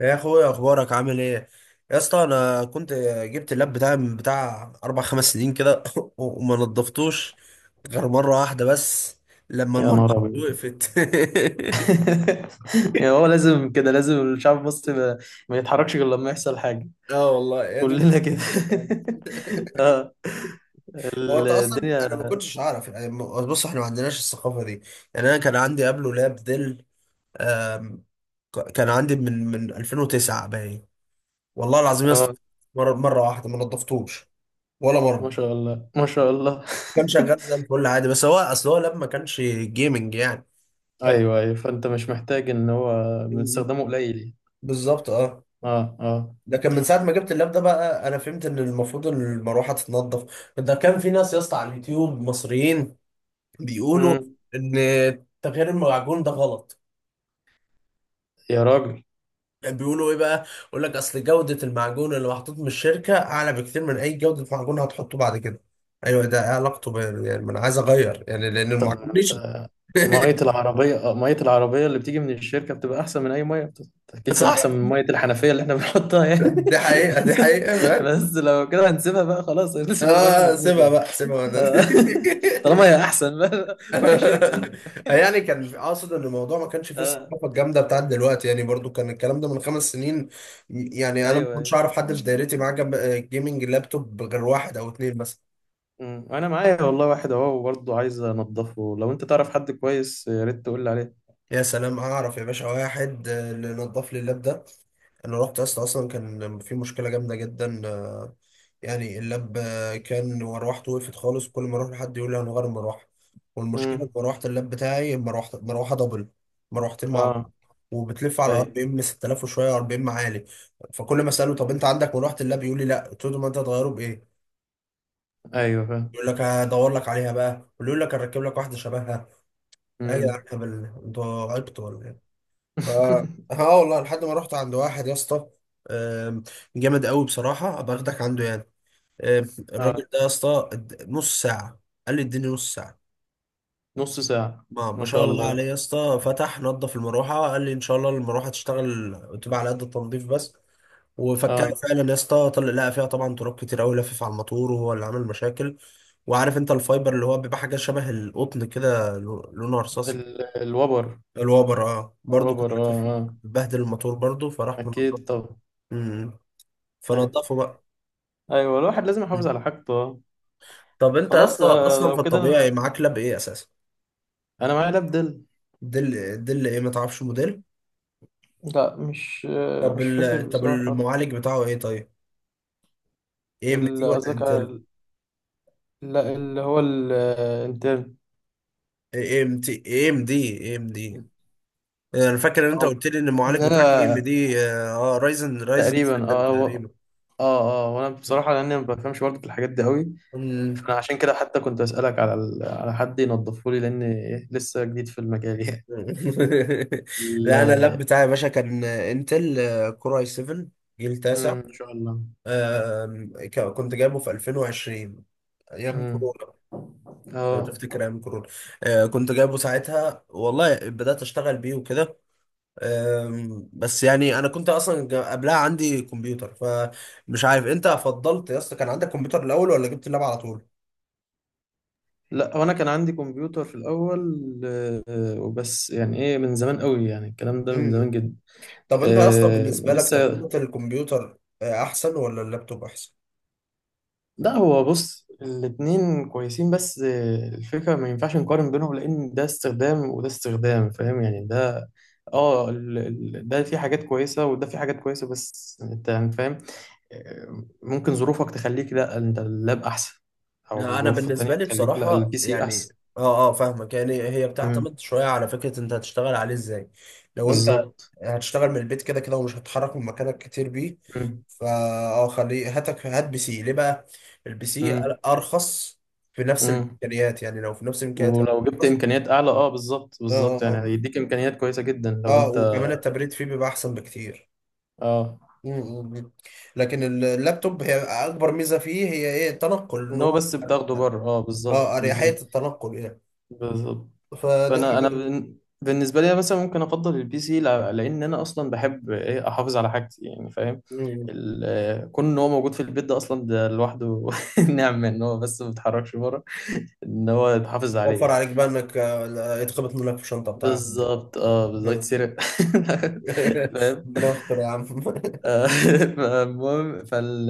يا اخويا اخبارك عامل ايه يا اسطى انا كنت جبت اللاب بتاعي من بتاع اربع خمس سنين كده وما نضفتوش غير مره واحده بس لما يا المره نهار أبيض وقفت. يعني هو لازم كده لازم الشعب المصري ما يتحركش غير لما يحصل حاجة اه والله، يا دي كلنا مشكله كده كده فعلا. اه هو انت اصلا الدنيا انا ما كنتش اعرف، يعني بص احنا ما عندناش الثقافه دي. يعني انا كان عندي قبله لاب ديل. آم، كان عندي من 2009 باين. والله العظيم يا اه اسطى، مره واحده ما نضفتوش، ولا ما مره. شاء الله ما شاء الله كان شغال زي الفل عادي، بس هو اصل هو لاب ما كانش جيمنج يعني. كان ايوه ايوه فانت مش محتاج ان هو بنستخدمه قليل يعني. بالظبط اه. اه اه ده كان من ساعة ما جبت اللاب ده، بقى انا فهمت ان المفروض المروحة تتنضف. ده كان في ناس يا اسطى على اليوتيوب مصريين بيقولوا مم. ان تغيير المعجون ده غلط. يا راجل بيقولوا ايه بقى؟ يقول لك اصل جودة المعجون اللي محطوط من الشركة اعلى بكتير من اي جودة معجون هتحطه بعد كده. ايوه، ده إيه علاقته ب... يعني ما انا عايز اغير يعني لان طب المعجون نشف. مية العربية مية العربية اللي بتيجي من الشركة بتبقى أحسن من أي مية أكيد بقى صح، أحسن من مية الحنفية اللي إحنا بنحطها يعني دي حقيقة، دي حقيقة. بس لو كده هنسيبها بقى خلاص هنسيبها لغاية ما اه نموت سيبها يعني. بقى، سيبها وانا. آه. طالما هي احسن روح الشركه يعني كان اقصد ان الموضوع ما كانش فيه اه الثقافه الجامده بتاعت دلوقتي، يعني برضو كان الكلام ده من خمس سنين. يعني انا ما ايوه كنتش ايوه اعرف حد في دايرتي معاه جنب جيمنج لابتوب غير واحد او اتنين مثلا. أمم. وانا معايا والله واحد اهو برضه عايز انضفه لو انت تعرف حد كويس يا ريت تقول لي عليه يا سلام، اعرف يا باشا واحد، اللي نضف لي اللاب ده. انا رحت اصلا كان في مشكله جامده جدا، يعني اللاب كان مروحته وقفت خالص، كل ما اروح لحد يقول لي هنغير المروحه. والمشكله في امم مروحه اللاب بتاعي مروحه دبل، مروحتين مع اه بعض، وبتلف على ار ايوه بي ام 6000 وشويه، ار بي ام عالي. فكل ما اساله طب انت عندك مروحه اللاب، يقول لي لا. قلت له ما انت هتغيره بايه؟ ايوه فاهم يقول لك هدور لك عليها بقى، ويقول لك هركب لك واحده شبهها. ايه يا جدعان، امم هبل انتوا، عبطوا ولا ايه؟ ف اه والله لحد ما رحت عند واحد يا اسطى، آم، جامد قوي بصراحه، ابقى اخدك عنده يعني. آه، اه الراجل ده يا اسطى، نص ساعة، قال لي اديني نص ساعة. نص ساعه ما ما شاء شاء الله الله عليه يا اسطى، فتح نظف المروحة، قال لي ان شاء الله المروحة تشتغل تبقى على قد التنظيف بس. وفكها اه فعلا يا اسطى، طلع لقى فيها طبعا تراب كتير قوي لفف على الموتور، وهو اللي عمل مشاكل. وعارف انت الفايبر اللي هو بيبقى حاجة شبه القطن كده، لونه رصاصي. الوبر الوبر، اه برضه كان الوبر اه شايف، اه بهدل الموتور برضه، فراح منضفه. اكيد طبعا مم. ايوه فنضفه بقى. ايوه الواحد لازم يحافظ مم. على حاجته آه. طب انت يا خلاص اسطى اصلا في لو كده الطبيعي انا معاك لاب ايه اساسا؟ انا معايا لاب دل دل، دل ايه؟ ما تعرفش موديل؟ لا طب مش فاكر ال... طب بصراحه المعالج بتاعه ايه طيب؟ اي ام تي ولا قصدك انتل؟ على لا اللي هو الانترن اي ام تي، اي ام دي، اي ام دي. انا فاكر ان انت أو قلت لي ان إن المعالج بتاعك اي ام أنا دي، اه رايزن، رايزن تقريبا 7 تقريبا. أه أه وأنا بصراحة لأني ما بفهمش برضه في الحاجات دي قوي مم. فأنا عشان كده حتى كنت أسألك على على حد ينظفه لي لأني لسه جديد في المجال يعني ال... لا انا اللاب بتاعي يا باشا كان انتل، كور اي 7، جيل تاسع. مم، إن شاء الله كنت جايبه في 2020، ايام مم. كورونا، لو اه تفتكر ايام كورونا. كنت جايبه ساعتها والله، بدأت اشتغل بيه وكده. بس يعني انا كنت اصلا قبلها عندي كمبيوتر، فمش عارف انت فضلت يا اسطى كان عندك كمبيوتر الاول ولا جبت اللاب على طول. لا هو انا كان عندي كمبيوتر في الاول وبس يعني ايه من زمان قوي يعني الكلام ده من زمان مم. جدا طب انت يا اسطى آه بالنسبه لك لسه تجربه الكمبيوتر احسن ولا اللابتوب احسن؟ لا هو بص الاتنين كويسين بس الفكرة ما ينفعش نقارن بينهم لأن ده استخدام وده استخدام فاهم يعني ده ده في حاجات كويسة وده في حاجات كويسة بس انت يعني فاهم ممكن ظروفك تخليك لا انت اللاب أحسن أو لا انا ظروف بالنسبه تانية لي تخليك لا بصراحه البي سي يعني، أحسن اه اه فاهمك، يعني هي مم. بتعتمد شويه على فكره انت هتشتغل عليه ازاي. لو انت بالظبط هتشتغل من البيت كده كده ومش هتتحرك من مكانك كتير بيه، مم. فا اه خليه، هاتك، هات بي سي ليه بقى؟ البي سي مم. ارخص، في نفس مم. الامكانيات، يعني لو في نفس الامكانيات ولو جبت ارخص. إمكانيات أعلى بالظبط اه بالظبط يعني اه، هيديك إمكانيات كويسة جدا لو اه اه، انت وكمان التبريد فيه بيبقى احسن بكتير. اه م- م- م. لكن اللابتوب هي اكبر ميزه فيه هي ايه؟ التنقل، ان ان هو هو، بس بتاخده بره اه بالظبط اريحيه بالظبط التنقل يعني. بالظبط فدي فانا حاجه انا دي. بالنسبه لي مثلا ممكن افضل البي سي لان انا اصلا بحب ايه احافظ على حاجتي يعني فاهم م- ال- كون ان هو موجود في البيت ده اصلا ده لوحده نعمه ان هو بس ما بيتحركش بره ان هو يتحافظ عليه وفر يعني عليك بقى انك، آه، لا، يتخبط منك في الشنطه بتاعك. بالظبط اه بالظبط م. يتسرق فاهم ربنا يستر يا عم. المهم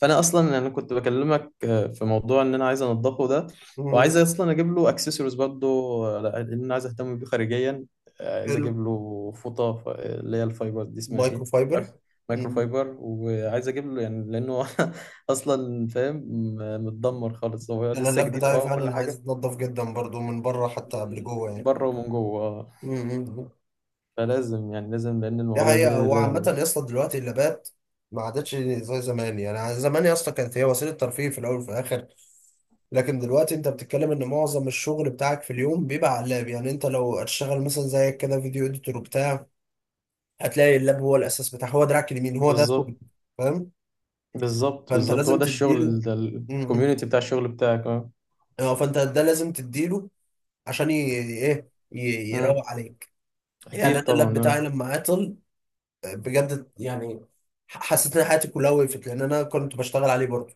فانا اصلا انا كنت بكلمك في موضوع ان انا عايز انضفه ده وعايز م. اصلا اجيب له اكسسوارز برضه لان انا عايز اهتم بيه خارجيا عايز حلو. اجيب له فوطه اللي هي الفايبر دي اسمها مايكرو ايه أخ- فايبر. مايكرو فايبر وعايز اجيب له يعني لانه اصلا فاهم متدمر خالص هو انا لسه اللاب جديد بتاعي اه كل فعلا عايز حاجه يتنضف جدا برضو من بره حتى قبل جوه من يعني. بره ومن جوه امم. فلازم يعني لازم لان دي المواضيع دي حقيقة. وعامة لازم يا اسطى دلوقتي اللابات ما عادتش زي زمان، يعني يعني زمان يا اسطى كانت هي وسيلة ترفيه في الأول وفي الآخر. لكن دلوقتي أنت بتتكلم إن معظم الشغل بتاعك في اليوم بيبقى على اللاب. يعني أنت لو هتشتغل مثلا زيك كده فيديو إديتور وبتاع، هتلاقي اللاب هو الأساس بتاعك، هو دراعك اليمين، هو ده شغلك. بالظبط فاهم. بالظبط فأنت بالظبط هو لازم ده تديله. الشغل ده امم. الكوميونتي بتاع الشغل بتاعك اه اه فأنت ده لازم تديله عشان ي... إيه، امم يروق عليك. يعني اكيد انا اللاب طبعا اه بتاعي لما عطل، بجد يعني، حسيت ان حياتي كلها وقفت، لان انا كنت بشتغل عليه برضه.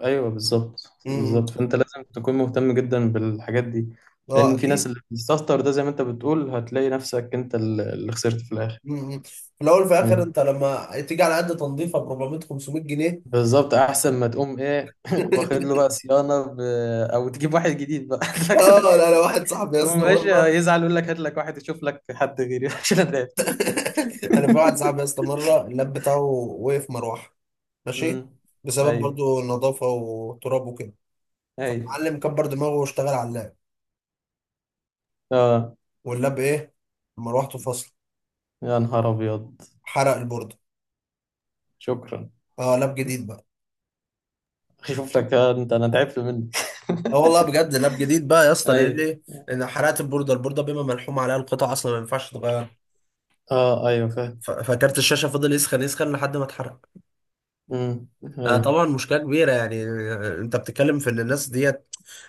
ايوه بالظبط إمم. بالظبط فانت لازم تكون مهتم جدا بالحاجات دي اه لان في ناس اكيد. اللي بتستهتر ده زي ما انت بتقول هتلاقي نفسك انت اللي خسرت في الاخر إمم. في الاول وفي الاخر امم انت لما تيجي على قد تنظيفه ب 400 500 جنيه. بالظبط احسن ما تقوم ايه واخد له بقى صيانه او تجيب واحد جديد بقى اه لكن لا لا، واحد صاحبي يا يقوم اسطى ماشي مره. يزعل يقول لك هات لك واحد يشوف لك حد غيري عشان انا تعبت انا في واحد صاحبي يا اسطى مره اللاب بتاعه وقف مروحه، امم ماشي، بسبب ايوه برضه نظافه وتراب وكده. ايوه فالمعلم كبر دماغه واشتغل على اللاب، اه واللاب ايه، مروحته فصل، يا نهار ابيض حرق البورده. شكرا اه، لاب جديد بقى. شوف لك انت انا تعبت منك اه والله بجد، لاب جديد بقى يا اسطى. لان ايوه ايه؟ لان حرقت البورده، البورده بما ملحوم عليها القطع اصلا ما ينفعش تتغير. اه ايوه فاهم فكارت الشاشه فضل يسخن يسخن لحد ما اتحرق. امم آه ايوه طبعا مشكله كبيره يعني. انت بتتكلم في ان الناس ديت،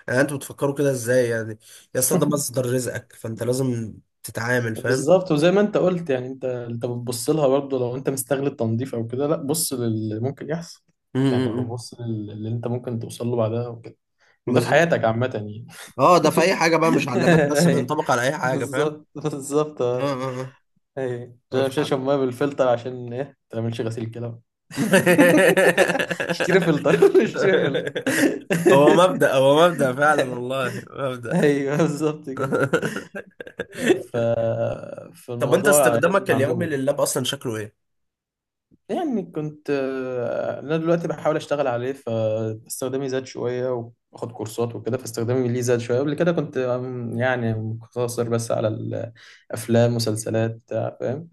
آه انتوا بتفكروا كده ازاي يعني؟ يا اسطى ده مصدر رزقك، فانت لازم تتعامل، فاهم؟ بالظبط وزي ما انت قلت يعني انت انت بتبص لها برضه لو انت مستغل التنظيف او كده لا بص للي ممكن يحصل م- يعني م- لو م. بص اللي انت ممكن توصل له بعدها وكده وده في بالظبط حياتك عامة يعني اه، ده في اي حاجه بقى، مش على اللابات بس، أيوة. بينطبق على اي حاجه، فاهم؟ بالظبط بالظبط اه اه ايوه اه، عشان مش اه. هشرب ميه بالفلتر عشان ايه ما تعملش غسيل كده اشتري فلتر اشتري فلتر هو مبدأ، هو مبدأ فعلا والله، مبدأ. ايوه بالظبط كده ف... طب انت فالموضوع لازم استخدامك اليومي نعممه لللاب اصلا شكله ايه؟ يعني كنت انا دلوقتي بحاول اشتغل عليه فاستخدامي زاد شويه واخد كورسات وكده فاستخدامي ليه زاد شويه قبل كده كنت يعني مقتصر بس على الافلام مسلسلات بتاع فاهم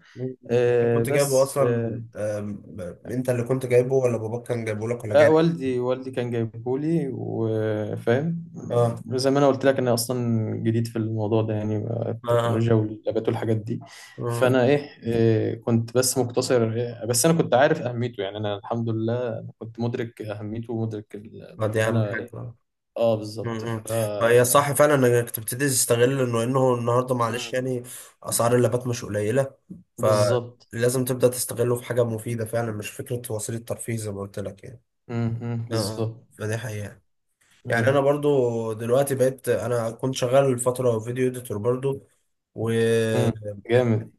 انت كنت جايبه بس اصلا، انت اللي كنت جايبه ولا باباك كان جايبه لك ولا لا جايبه؟ والدي كان جايبهولي وفاهم اه زي ما انا قلت لك انا اصلا جديد في الموضوع ده يعني اه، التكنولوجيا واللابات والحاجات دي اه. فانا ايه كنت بس مقتصر بس انا كنت عارف اهميته يعني انا الحمد لله كنت مدرك اهميته ومدرك ما دي اللي اهم انا ايه حاجة. اه بالظبط امم. ما هي صح فعلا انك تبتدي تستغل انه، النهارده معلش مم. يعني، اسعار اللابات مش قليله، بالظبط فلازم تبدا تستغله في حاجه مفيده فعلا، مش فكره وسيله ترفيه زي ما قلت لك يعني. مم، مم، اه بالظبط فدي حقيقه. يعني انا مم، برضو دلوقتي بقيت، انا كنت شغال فتره فيديو اديتور برضو، مم. واعتقد جامد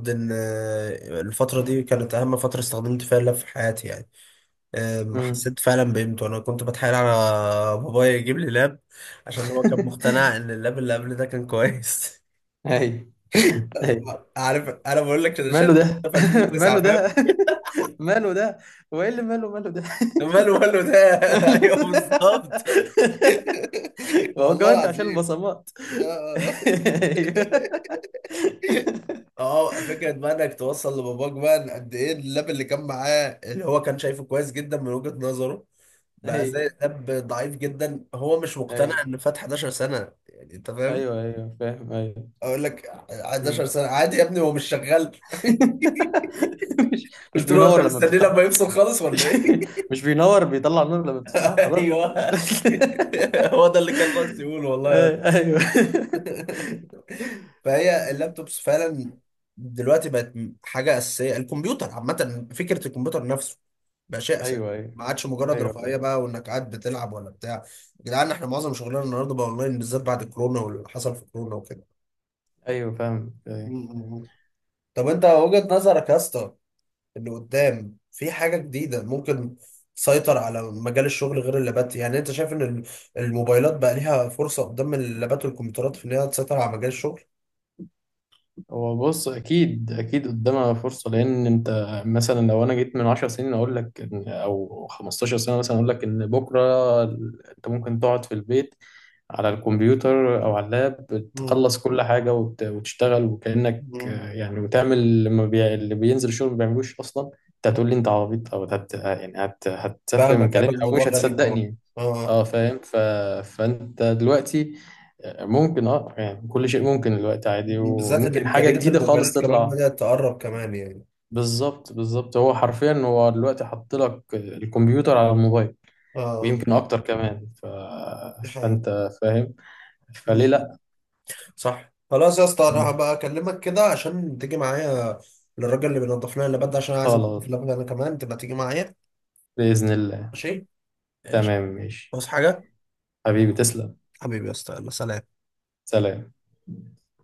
ان الفتره دي كانت اهم فتره استخدمت فيها اللاب في حياتي يعني. مم. حسيت فعلا بقيمته. انا كنت بتحايل على بابايا يجيب لي لاب عشان هو كان مقتنع ان اللاب اللي قبل ده كان كويس. ايوه عارف انا بقول لك انا شايف ماله ده في ماله 2009، ده فاهم؟ ماله ده هو ايه اللي ماله ماله ده ماله ده. ماله ايوه بالظبط. ده؟ هو والله كمان انت عشان العظيم. البصمات اه اه فكره بقى انك توصل لباباك بقى إن قد ايه اللاب اللي كان معاه، اللي هو كان شايفه كويس جدا من وجهه نظره، بقى ايوه زي لاب ضعيف جدا. هو مش ايوه مقتنع ايوه ان فات 11 سنه يعني، انت فاهم؟ ايوه ايوه فاهم ايوه اقول لك 11 مم. سنه عادي يا ابني، هو مش شغال. مش قلت له انت بينور لما مستني بتفتحه لما يفصل خالص ولا مش ايه؟ مش بينور بيطلع نور لما بتفتحه خلاص ايوه، هو ده اللي كان ناقص يقوله والله يا اسطى. ايوه فهي اللابتوبس فعلا دلوقتي بقت حاجه اساسيه. الكمبيوتر عامه، فكره الكمبيوتر نفسه بقى شيء اساسي، ايوه ايوه ما عادش مجرد رفاهيه ايوه بقى وانك قاعد بتلعب ولا بتاع. يا جدعان احنا معظم شغلنا النهارده بقى اونلاين، بالذات بعد كورونا واللي حصل في كورونا وكده. ايوه فاهم م- أيوة. م- م. طب انت وجهه نظرك يا اسطى اللي قدام في حاجة جديدة ممكن تسيطر على مجال الشغل غير اللابات؟ يعني انت شايف ان الموبايلات بقى ليها فرصة قدام اللابات والكمبيوترات في ان هي تسيطر على مجال الشغل؟ هو بص اكيد اكيد قدامها فرصه لان انت مثلا لو انا جيت من 10 سنين اقول لك او 15 سنه مثلا اقول لك ان بكره انت ممكن تقعد في البيت على الكمبيوتر او على اللاب مم. تخلص كل حاجه وتشتغل وكانك مم. يعني وتعمل اللي ما بي... اللي بينزل شغل ما بيعملوش اصلا انت هتقول مم. لي انت عبيط او يعني هتسفه من فاهمك، كلامي هيبقى او الموضوع مش غريب طبعا. هتصدقني اه اه فاهم فانت دلوقتي ممكن اه يعني كل شيء ممكن دلوقتي عادي بالذات ان وممكن حاجة امكانيات جديدة خالص الموبايلات كمان تطلع بدأت تقرب كمان يعني. بالظبط بالظبط هو حرفيا هو دلوقتي حط لك الكمبيوتر على الموبايل اه ويمكن اكتر كمان دي حقيقة. فانت فاهم فليه مم. لا صح، خلاص يا اسطى انا هبقى اكلمك كده عشان تيجي معايا للراجل اللي بينضف لنا اللابات ده، عشان عايز انضف خلاص اللابات انا كمان، تبقى تيجي معايا. بإذن الله ماشي ماشي. تمام ماشي بص حاجة، حبيبي تسلم حبيبي يا اسطى يلا سلام. سلام